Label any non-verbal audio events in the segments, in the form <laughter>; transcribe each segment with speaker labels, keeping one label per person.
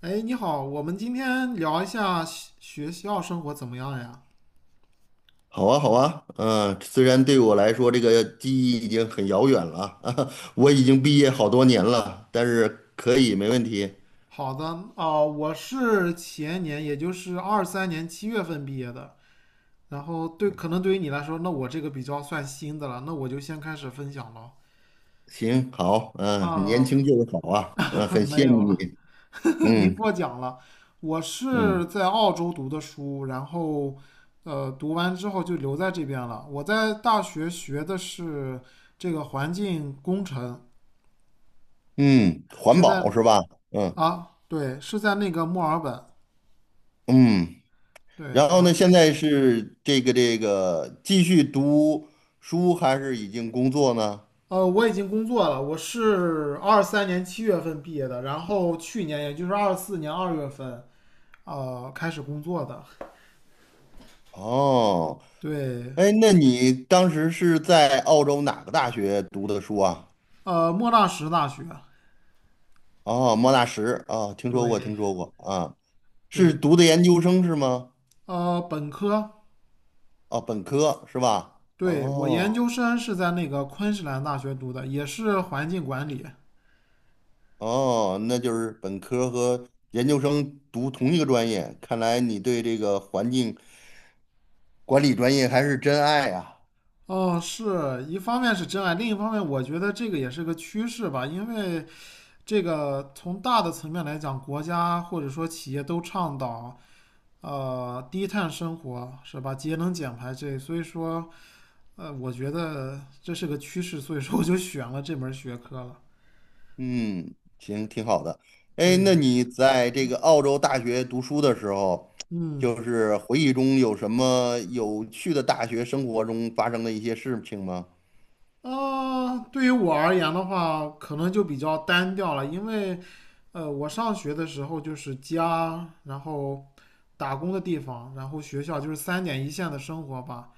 Speaker 1: 哎，你好，我们今天聊一下学校生活怎么样呀？
Speaker 2: 好啊，好啊，嗯，虽然对我来说这个记忆已经很遥远了啊 <laughs> 我已经毕业好多年了，但是可以，没问题。
Speaker 1: 好的，哦，我是前年，也就是二三年七月份毕业的。然后对，可能对于你来说，那我这个比较算新的了，那我就先开始分享了。
Speaker 2: 行，好，嗯，年
Speaker 1: 啊，
Speaker 2: 轻就是好啊，嗯，很
Speaker 1: <laughs> 没
Speaker 2: 羡
Speaker 1: 有
Speaker 2: 慕你，
Speaker 1: 了，<laughs> 您
Speaker 2: 嗯
Speaker 1: 过奖了。我
Speaker 2: 嗯
Speaker 1: 是在澳洲读的书，然后，读完之后就留在这边了。我在大学学的是这个环境工程，
Speaker 2: 嗯，环
Speaker 1: 是在
Speaker 2: 保是吧？嗯
Speaker 1: 啊，对，是在那个墨尔本。
Speaker 2: 嗯，
Speaker 1: 对，
Speaker 2: 然后
Speaker 1: 然
Speaker 2: 呢，
Speaker 1: 后
Speaker 2: 现在是这个继续读书还是已经工作呢？
Speaker 1: 我已经工作了，我是二三年七月份毕业的，然后去年也就是24年2月份开始工作的。
Speaker 2: 哦，
Speaker 1: 对，
Speaker 2: 哎，那你当时是在澳洲哪个大学读的书啊？
Speaker 1: 莫纳什大学。
Speaker 2: 哦，莫纳什啊，听说过，听
Speaker 1: 对
Speaker 2: 说过啊，是
Speaker 1: 对，
Speaker 2: 读的研究生是吗？
Speaker 1: 本科。
Speaker 2: 哦，本科是吧？
Speaker 1: 对，我
Speaker 2: 哦
Speaker 1: 研究生是在那个昆士兰大学读的，也是环境管理。
Speaker 2: 哦，那就是本科和研究生读同一个专业，看来你对这个环境管理专业还是真爱啊。
Speaker 1: 哦，是一方面是真爱，另一方面我觉得这个也是个趋势吧，因为这个从大的层面来讲，国家或者说企业都倡导低碳生活，是吧？节能减排这，所以说我觉得这是个趋势，所以说我就选了这门学科了。
Speaker 2: 嗯，行，挺好的。哎，
Speaker 1: 对
Speaker 2: 那
Speaker 1: 呀、
Speaker 2: 你在这个澳洲大学读书的时候，
Speaker 1: 嗯，
Speaker 2: 就是回忆中有什么有趣的大学生活中发生的一些事情吗？
Speaker 1: 对于我而言的话，可能就比较单调了，因为，我上学的时候就是家，然后打工的地方，然后学校，就是三点一线的生活吧。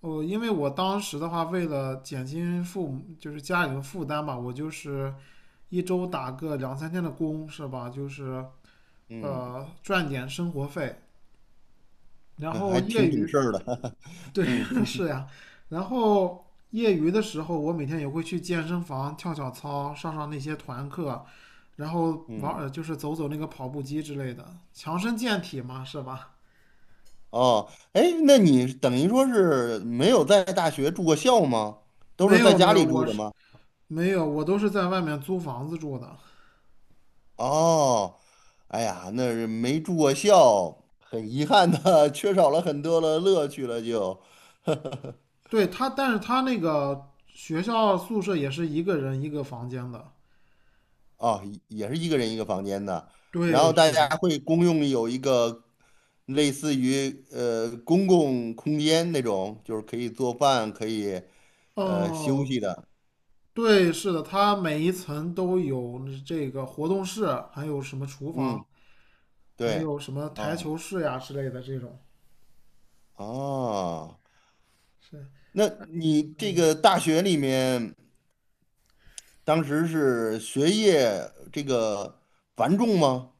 Speaker 1: 哦，因为我当时的话，为了减轻父母就是家里的负担吧，我就是一周打个两三天的工，是吧？就是
Speaker 2: 嗯。
Speaker 1: 赚点生活费，然
Speaker 2: <laughs>
Speaker 1: 后
Speaker 2: 还挺懂事儿的，<laughs> 嗯
Speaker 1: <laughs> 是呀，然后业余的时候，我每天也会去健身房跳跳操，上上那些团课，然后
Speaker 2: 嗯，
Speaker 1: 就是走走那个跑步机之类的，强身健体嘛，是吧？
Speaker 2: 哦，哎，那你等于说是没有在大学住过校吗？都
Speaker 1: 没
Speaker 2: 是在
Speaker 1: 有没
Speaker 2: 家
Speaker 1: 有，
Speaker 2: 里住
Speaker 1: 我
Speaker 2: 的
Speaker 1: 是
Speaker 2: 吗？
Speaker 1: 没有，我都是在外面租房子住的。
Speaker 2: 哦，哎呀，那是没住过校，很遗憾的，<laughs> 缺少了很多的乐趣了就，<laughs>
Speaker 1: 对他，但是他那个学校宿舍也是一个人一个房间的。
Speaker 2: 哦，也是一个人一个房间的，然
Speaker 1: 对，
Speaker 2: 后大
Speaker 1: 是的。
Speaker 2: 家会公用有一个类似于公共空间那种，就是可以做饭，可以休
Speaker 1: 哦，
Speaker 2: 息的。
Speaker 1: 对，是的，他每一层都有这个活动室，还有什么厨房。
Speaker 2: 嗯。
Speaker 1: 还
Speaker 2: 对，
Speaker 1: 有什么台
Speaker 2: 哦
Speaker 1: 球室呀之类的这种，
Speaker 2: 哦，
Speaker 1: 是，
Speaker 2: 那你这
Speaker 1: 嗯
Speaker 2: 个大学里面当时是学业这个繁重吗？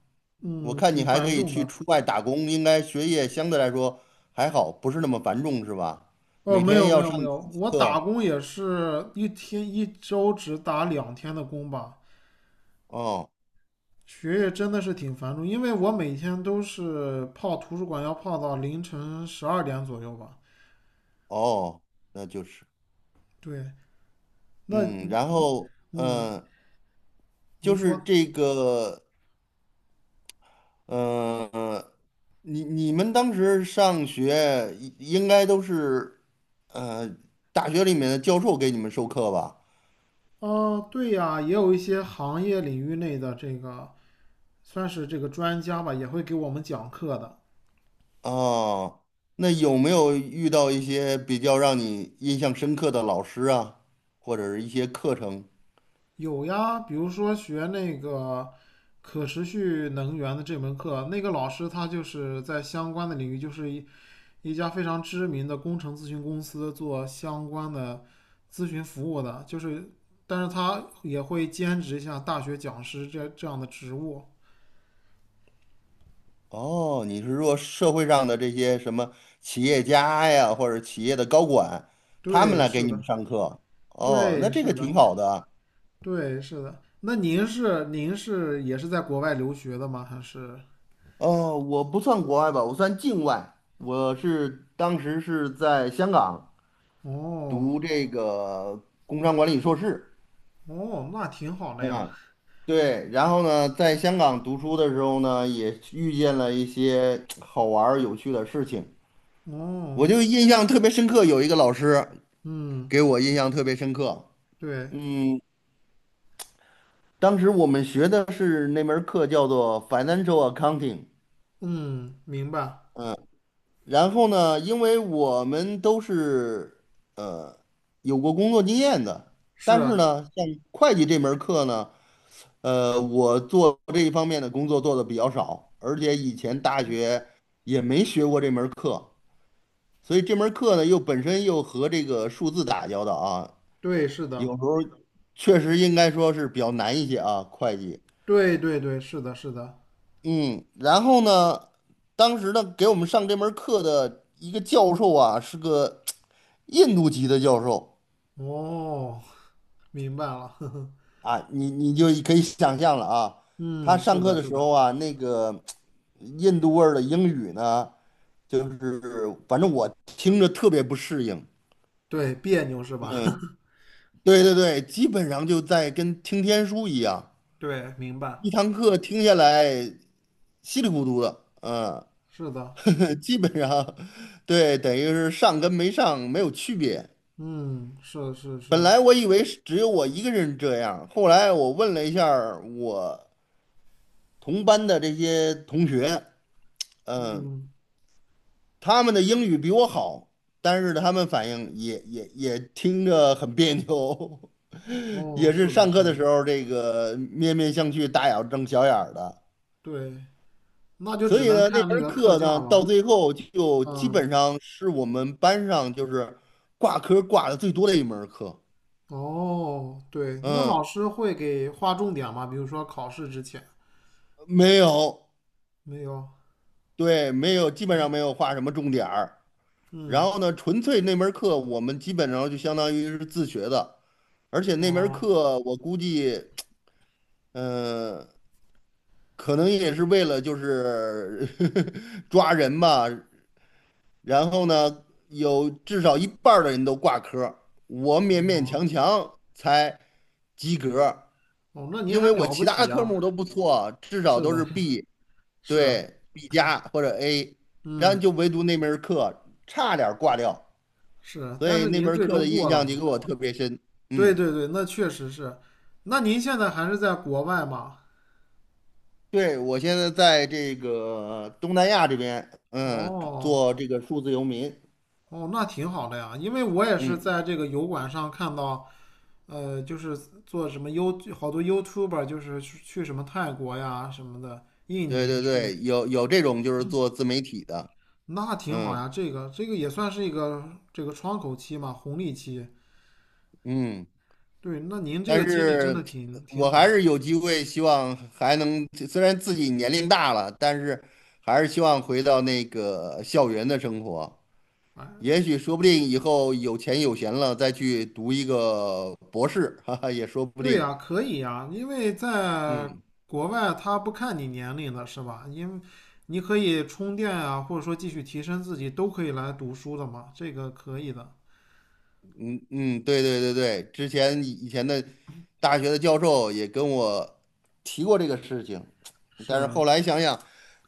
Speaker 2: 我
Speaker 1: 嗯，
Speaker 2: 看你
Speaker 1: 挺
Speaker 2: 还可
Speaker 1: 繁
Speaker 2: 以
Speaker 1: 重
Speaker 2: 去
Speaker 1: 的。
Speaker 2: 出外打工，应该学业相对来说还好，不是那么繁重是吧？
Speaker 1: 哦，
Speaker 2: 每
Speaker 1: 没
Speaker 2: 天
Speaker 1: 有没
Speaker 2: 要
Speaker 1: 有
Speaker 2: 上
Speaker 1: 没
Speaker 2: 几
Speaker 1: 有，
Speaker 2: 节
Speaker 1: 我打
Speaker 2: 课？
Speaker 1: 工也是一天一周只打两天的工吧。
Speaker 2: 哦
Speaker 1: 学业真的是挺繁重，因为我每天都是泡图书馆，要泡到凌晨12点左右吧。
Speaker 2: 哦，那就是，
Speaker 1: 对，那
Speaker 2: 嗯，然后
Speaker 1: 嗯，您
Speaker 2: 就是
Speaker 1: 说，
Speaker 2: 这个呃，你们当时上学应该都是，呃，大学里面的教授给你们授课吧？
Speaker 1: 哦，对呀，也有一些行业领域内的这个算是这个专家吧，也会给我们讲课的。
Speaker 2: 哦，那有没有遇到一些比较让你印象深刻的老师啊，或者是一些课程？
Speaker 1: 有呀，比如说学那个可持续能源的这门课，那个老师他就是在相关的领域，就是一家非常知名的工程咨询公司做相关的咨询服务的，就是但是他也会兼职一下大学讲师这样的职务。
Speaker 2: 哦，你是说社会上的这些什么企业家呀，或者企业的高管，他们
Speaker 1: 对，
Speaker 2: 来给
Speaker 1: 是
Speaker 2: 你们
Speaker 1: 的，
Speaker 2: 上课？哦，那
Speaker 1: 对，
Speaker 2: 这个
Speaker 1: 是
Speaker 2: 挺
Speaker 1: 的，
Speaker 2: 好的
Speaker 1: 对，是的。那您是您是也是在国外留学的吗？还是？
Speaker 2: 我不算国外吧，我算境外。我是当时是在香港
Speaker 1: 哦
Speaker 2: 读这个工商管理硕士，
Speaker 1: 哦，那挺好的呀。
Speaker 2: 嗯，对。然后呢，在香港读书的时候呢，也遇见了一些好玩儿有趣的事情。我
Speaker 1: 哦，
Speaker 2: 就印象特别深刻，有一个老师
Speaker 1: 嗯。
Speaker 2: 给我印象特别深刻。
Speaker 1: 对，
Speaker 2: 嗯，当时我们学的是那门儿课叫做 Financial Accounting。
Speaker 1: 嗯，明白，
Speaker 2: 然后呢，因为我们都是呃有过工作经验的，但是
Speaker 1: 是，
Speaker 2: 呢，像会计这门儿课呢，我做这一方面的工作做的比较少，而且以前大学也没学过这门儿课，所以这门儿课呢又本身又和这个数字打交道啊，
Speaker 1: 对，是
Speaker 2: 有
Speaker 1: 的，
Speaker 2: 时候确实应该说是比较难一些啊，会计。
Speaker 1: 对对对，是的，是的，
Speaker 2: 嗯，然后呢，当时呢给我们上这门课的一个教授啊，是个。印度籍的教授
Speaker 1: 哦，明白了，<laughs> 呵呵，
Speaker 2: 啊，你就可以想象了啊，他
Speaker 1: 嗯，是
Speaker 2: 上课
Speaker 1: 的，
Speaker 2: 的
Speaker 1: 是
Speaker 2: 时候
Speaker 1: 的，
Speaker 2: 啊，那个印度味儿的英语呢，就是反正我听着特别不适应。
Speaker 1: 对，别扭是吧？<laughs>
Speaker 2: 对对对，基本上就在跟听天书一样，
Speaker 1: 对，明白，
Speaker 2: 一堂课听下来稀里糊涂的，嗯，
Speaker 1: 是的，
Speaker 2: <laughs> 基本上对，等于是上跟没上没有区别。
Speaker 1: 嗯，是是
Speaker 2: 本
Speaker 1: 是，
Speaker 2: 来我以为是只有我一个人这样，后来我问了一下儿我同班的这些同学，嗯，
Speaker 1: 嗯，
Speaker 2: 他们的英语比我好，但是他们反应也听着很别扭，<laughs>
Speaker 1: 哦，
Speaker 2: 也
Speaker 1: 是
Speaker 2: 是
Speaker 1: 的，
Speaker 2: 上
Speaker 1: 是
Speaker 2: 课
Speaker 1: 的，
Speaker 2: 的时候这个面面相觑、大眼瞪小眼儿的。
Speaker 1: 对，那就
Speaker 2: 所
Speaker 1: 只
Speaker 2: 以
Speaker 1: 能
Speaker 2: 呢，那
Speaker 1: 看那
Speaker 2: 门
Speaker 1: 个课
Speaker 2: 课
Speaker 1: 件
Speaker 2: 呢，
Speaker 1: 儿
Speaker 2: 到
Speaker 1: 了，
Speaker 2: 最后就基
Speaker 1: 嗯，
Speaker 2: 本上是我们班上就是挂科挂的最多的一门课。
Speaker 1: 哦，对，那老
Speaker 2: 嗯，
Speaker 1: 师会给划重点吗？比如说考试之前，
Speaker 2: 没有，
Speaker 1: 没有，
Speaker 2: 对，没有，基本上没有画什么重点儿。然
Speaker 1: 嗯，
Speaker 2: 后呢，纯粹那门课我们基本上就相当于是自学的，而且那门
Speaker 1: 哦，
Speaker 2: 课我估计。嗯，可能也是为了就是 <laughs> 抓人吧，然后呢，有至少一半儿的人都挂科我勉勉强强才及格
Speaker 1: 哦，那您
Speaker 2: 因为
Speaker 1: 还
Speaker 2: 我
Speaker 1: 了不
Speaker 2: 其
Speaker 1: 起
Speaker 2: 他科
Speaker 1: 呀、
Speaker 2: 目都不错，至少
Speaker 1: 是
Speaker 2: 都
Speaker 1: 的，
Speaker 2: 是 B，
Speaker 1: 是啊，
Speaker 2: 对，B 加或者 A，然后
Speaker 1: 嗯，
Speaker 2: 就唯独那门儿课差点儿挂掉，
Speaker 1: 是啊，
Speaker 2: 所
Speaker 1: 但
Speaker 2: 以
Speaker 1: 是
Speaker 2: 那
Speaker 1: 您
Speaker 2: 门儿
Speaker 1: 最
Speaker 2: 课
Speaker 1: 终
Speaker 2: 的印
Speaker 1: 过了
Speaker 2: 象
Speaker 1: 吗？
Speaker 2: 就给我特别深，
Speaker 1: 对
Speaker 2: 嗯。
Speaker 1: 对对，那确实是。那您现在还是在国外吗？
Speaker 2: 对，我现在在这个东南亚这边，嗯，
Speaker 1: 哦
Speaker 2: 做这个数字游民。
Speaker 1: 哦，那挺好的呀，因为我也是
Speaker 2: 嗯，
Speaker 1: 在这个油管上看到，就是做什么 You 好多 YouTuber 就是去什么泰国呀什么的，印
Speaker 2: 对
Speaker 1: 尼
Speaker 2: 对
Speaker 1: 去，
Speaker 2: 对，有这种就是做自媒体的，
Speaker 1: 那挺好
Speaker 2: 嗯
Speaker 1: 呀。这个这个也算是一个这个窗口期嘛，红利期。
Speaker 2: 嗯，
Speaker 1: 对，那您这
Speaker 2: 但
Speaker 1: 个经历真的
Speaker 2: 是
Speaker 1: 挺挺
Speaker 2: 我还
Speaker 1: 好的。
Speaker 2: 是有机会，希望还能，虽然自己年龄大了，但是还是希望回到那个校园的生活。也许说不定以后有钱有闲了，再去读一个博士，<laughs> 哈哈，也说不
Speaker 1: 对
Speaker 2: 定。
Speaker 1: 呀，可以呀，因为在
Speaker 2: 嗯
Speaker 1: 国外他不看你年龄的是吧？因为你可以充电啊，或者说继续提升自己，都可以来读书的嘛，这个可以的。
Speaker 2: 嗯嗯，对对对对，之前以前的大学的教授也跟我提过这个事情，
Speaker 1: 是，
Speaker 2: 但是后来想想，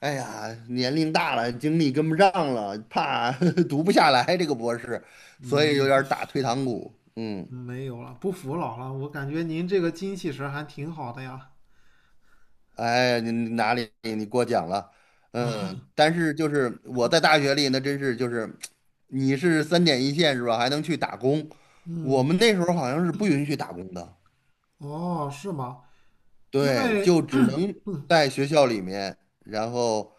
Speaker 2: 哎呀，年龄大了，精力跟不上了，怕 <laughs> 读不下来这个博士，所以有
Speaker 1: 嗯，
Speaker 2: 点儿打退堂鼓。嗯，
Speaker 1: 嗯，没有了，不服老了，我感觉您这个精气神儿还挺好的呀。
Speaker 2: 哎，你哪里你过奖了？嗯，但是就是我在大学里那真是就是，你是三点一线是吧？还能去打工，我
Speaker 1: 嗯，
Speaker 2: 们那时候好像是不允许打工的。
Speaker 1: 哦，是吗？因
Speaker 2: 对，
Speaker 1: 为，
Speaker 2: 就只能在学校里面，然后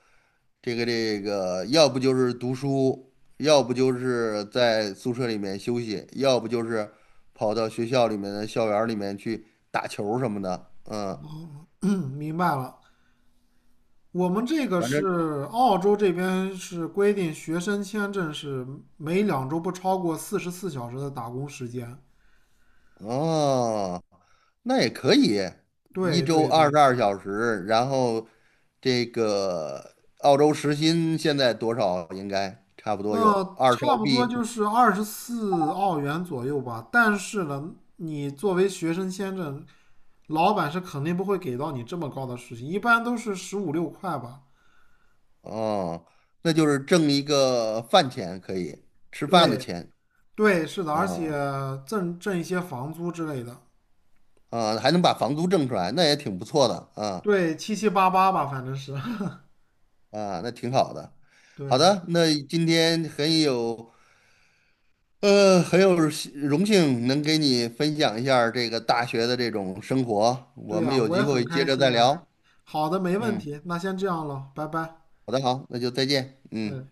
Speaker 2: 这个，要不就是读书，要不就是在宿舍里面休息，要不就是跑到学校里面的校园儿里面去打球儿什么的。嗯，
Speaker 1: <clears throat> 明白了，我们这个
Speaker 2: 反正
Speaker 1: 是澳洲这边是规定，学生签证是每2周不超过44小时的打工时间。
Speaker 2: 哦，那也可以，一
Speaker 1: 对
Speaker 2: 周
Speaker 1: 对
Speaker 2: 二十
Speaker 1: 对，
Speaker 2: 二小时，然后这个澳洲时薪现在多少？应该差不多有
Speaker 1: 那
Speaker 2: 二十
Speaker 1: 差
Speaker 2: 澳
Speaker 1: 不多
Speaker 2: 币。
Speaker 1: 就是24澳元左右吧。但是呢，你作为学生签证，老板是肯定不会给到你这么高的事情，一般都是十五六块吧。
Speaker 2: 哦，那就是挣一个饭钱，可以吃饭的
Speaker 1: 对
Speaker 2: 钱
Speaker 1: 对，是的，而且
Speaker 2: 啊
Speaker 1: 挣一些房租之类的。
Speaker 2: 啊，还能把房租挣出来，那也挺不错的啊
Speaker 1: 对，七七八八吧，反正是。<laughs>
Speaker 2: 啊，那挺好的。好
Speaker 1: 对
Speaker 2: 的，那今天很有很有幸荣幸能给你分享一下儿这个大学的这种生活，我
Speaker 1: 对
Speaker 2: 们
Speaker 1: 呀，
Speaker 2: 有
Speaker 1: 我也
Speaker 2: 机
Speaker 1: 很
Speaker 2: 会接
Speaker 1: 开
Speaker 2: 着
Speaker 1: 心
Speaker 2: 再
Speaker 1: 呀。
Speaker 2: 聊。
Speaker 1: 好的，没问
Speaker 2: 嗯，
Speaker 1: 题，那先这样了，拜拜。
Speaker 2: 好的，好，那就再见。嗯。
Speaker 1: 嗯。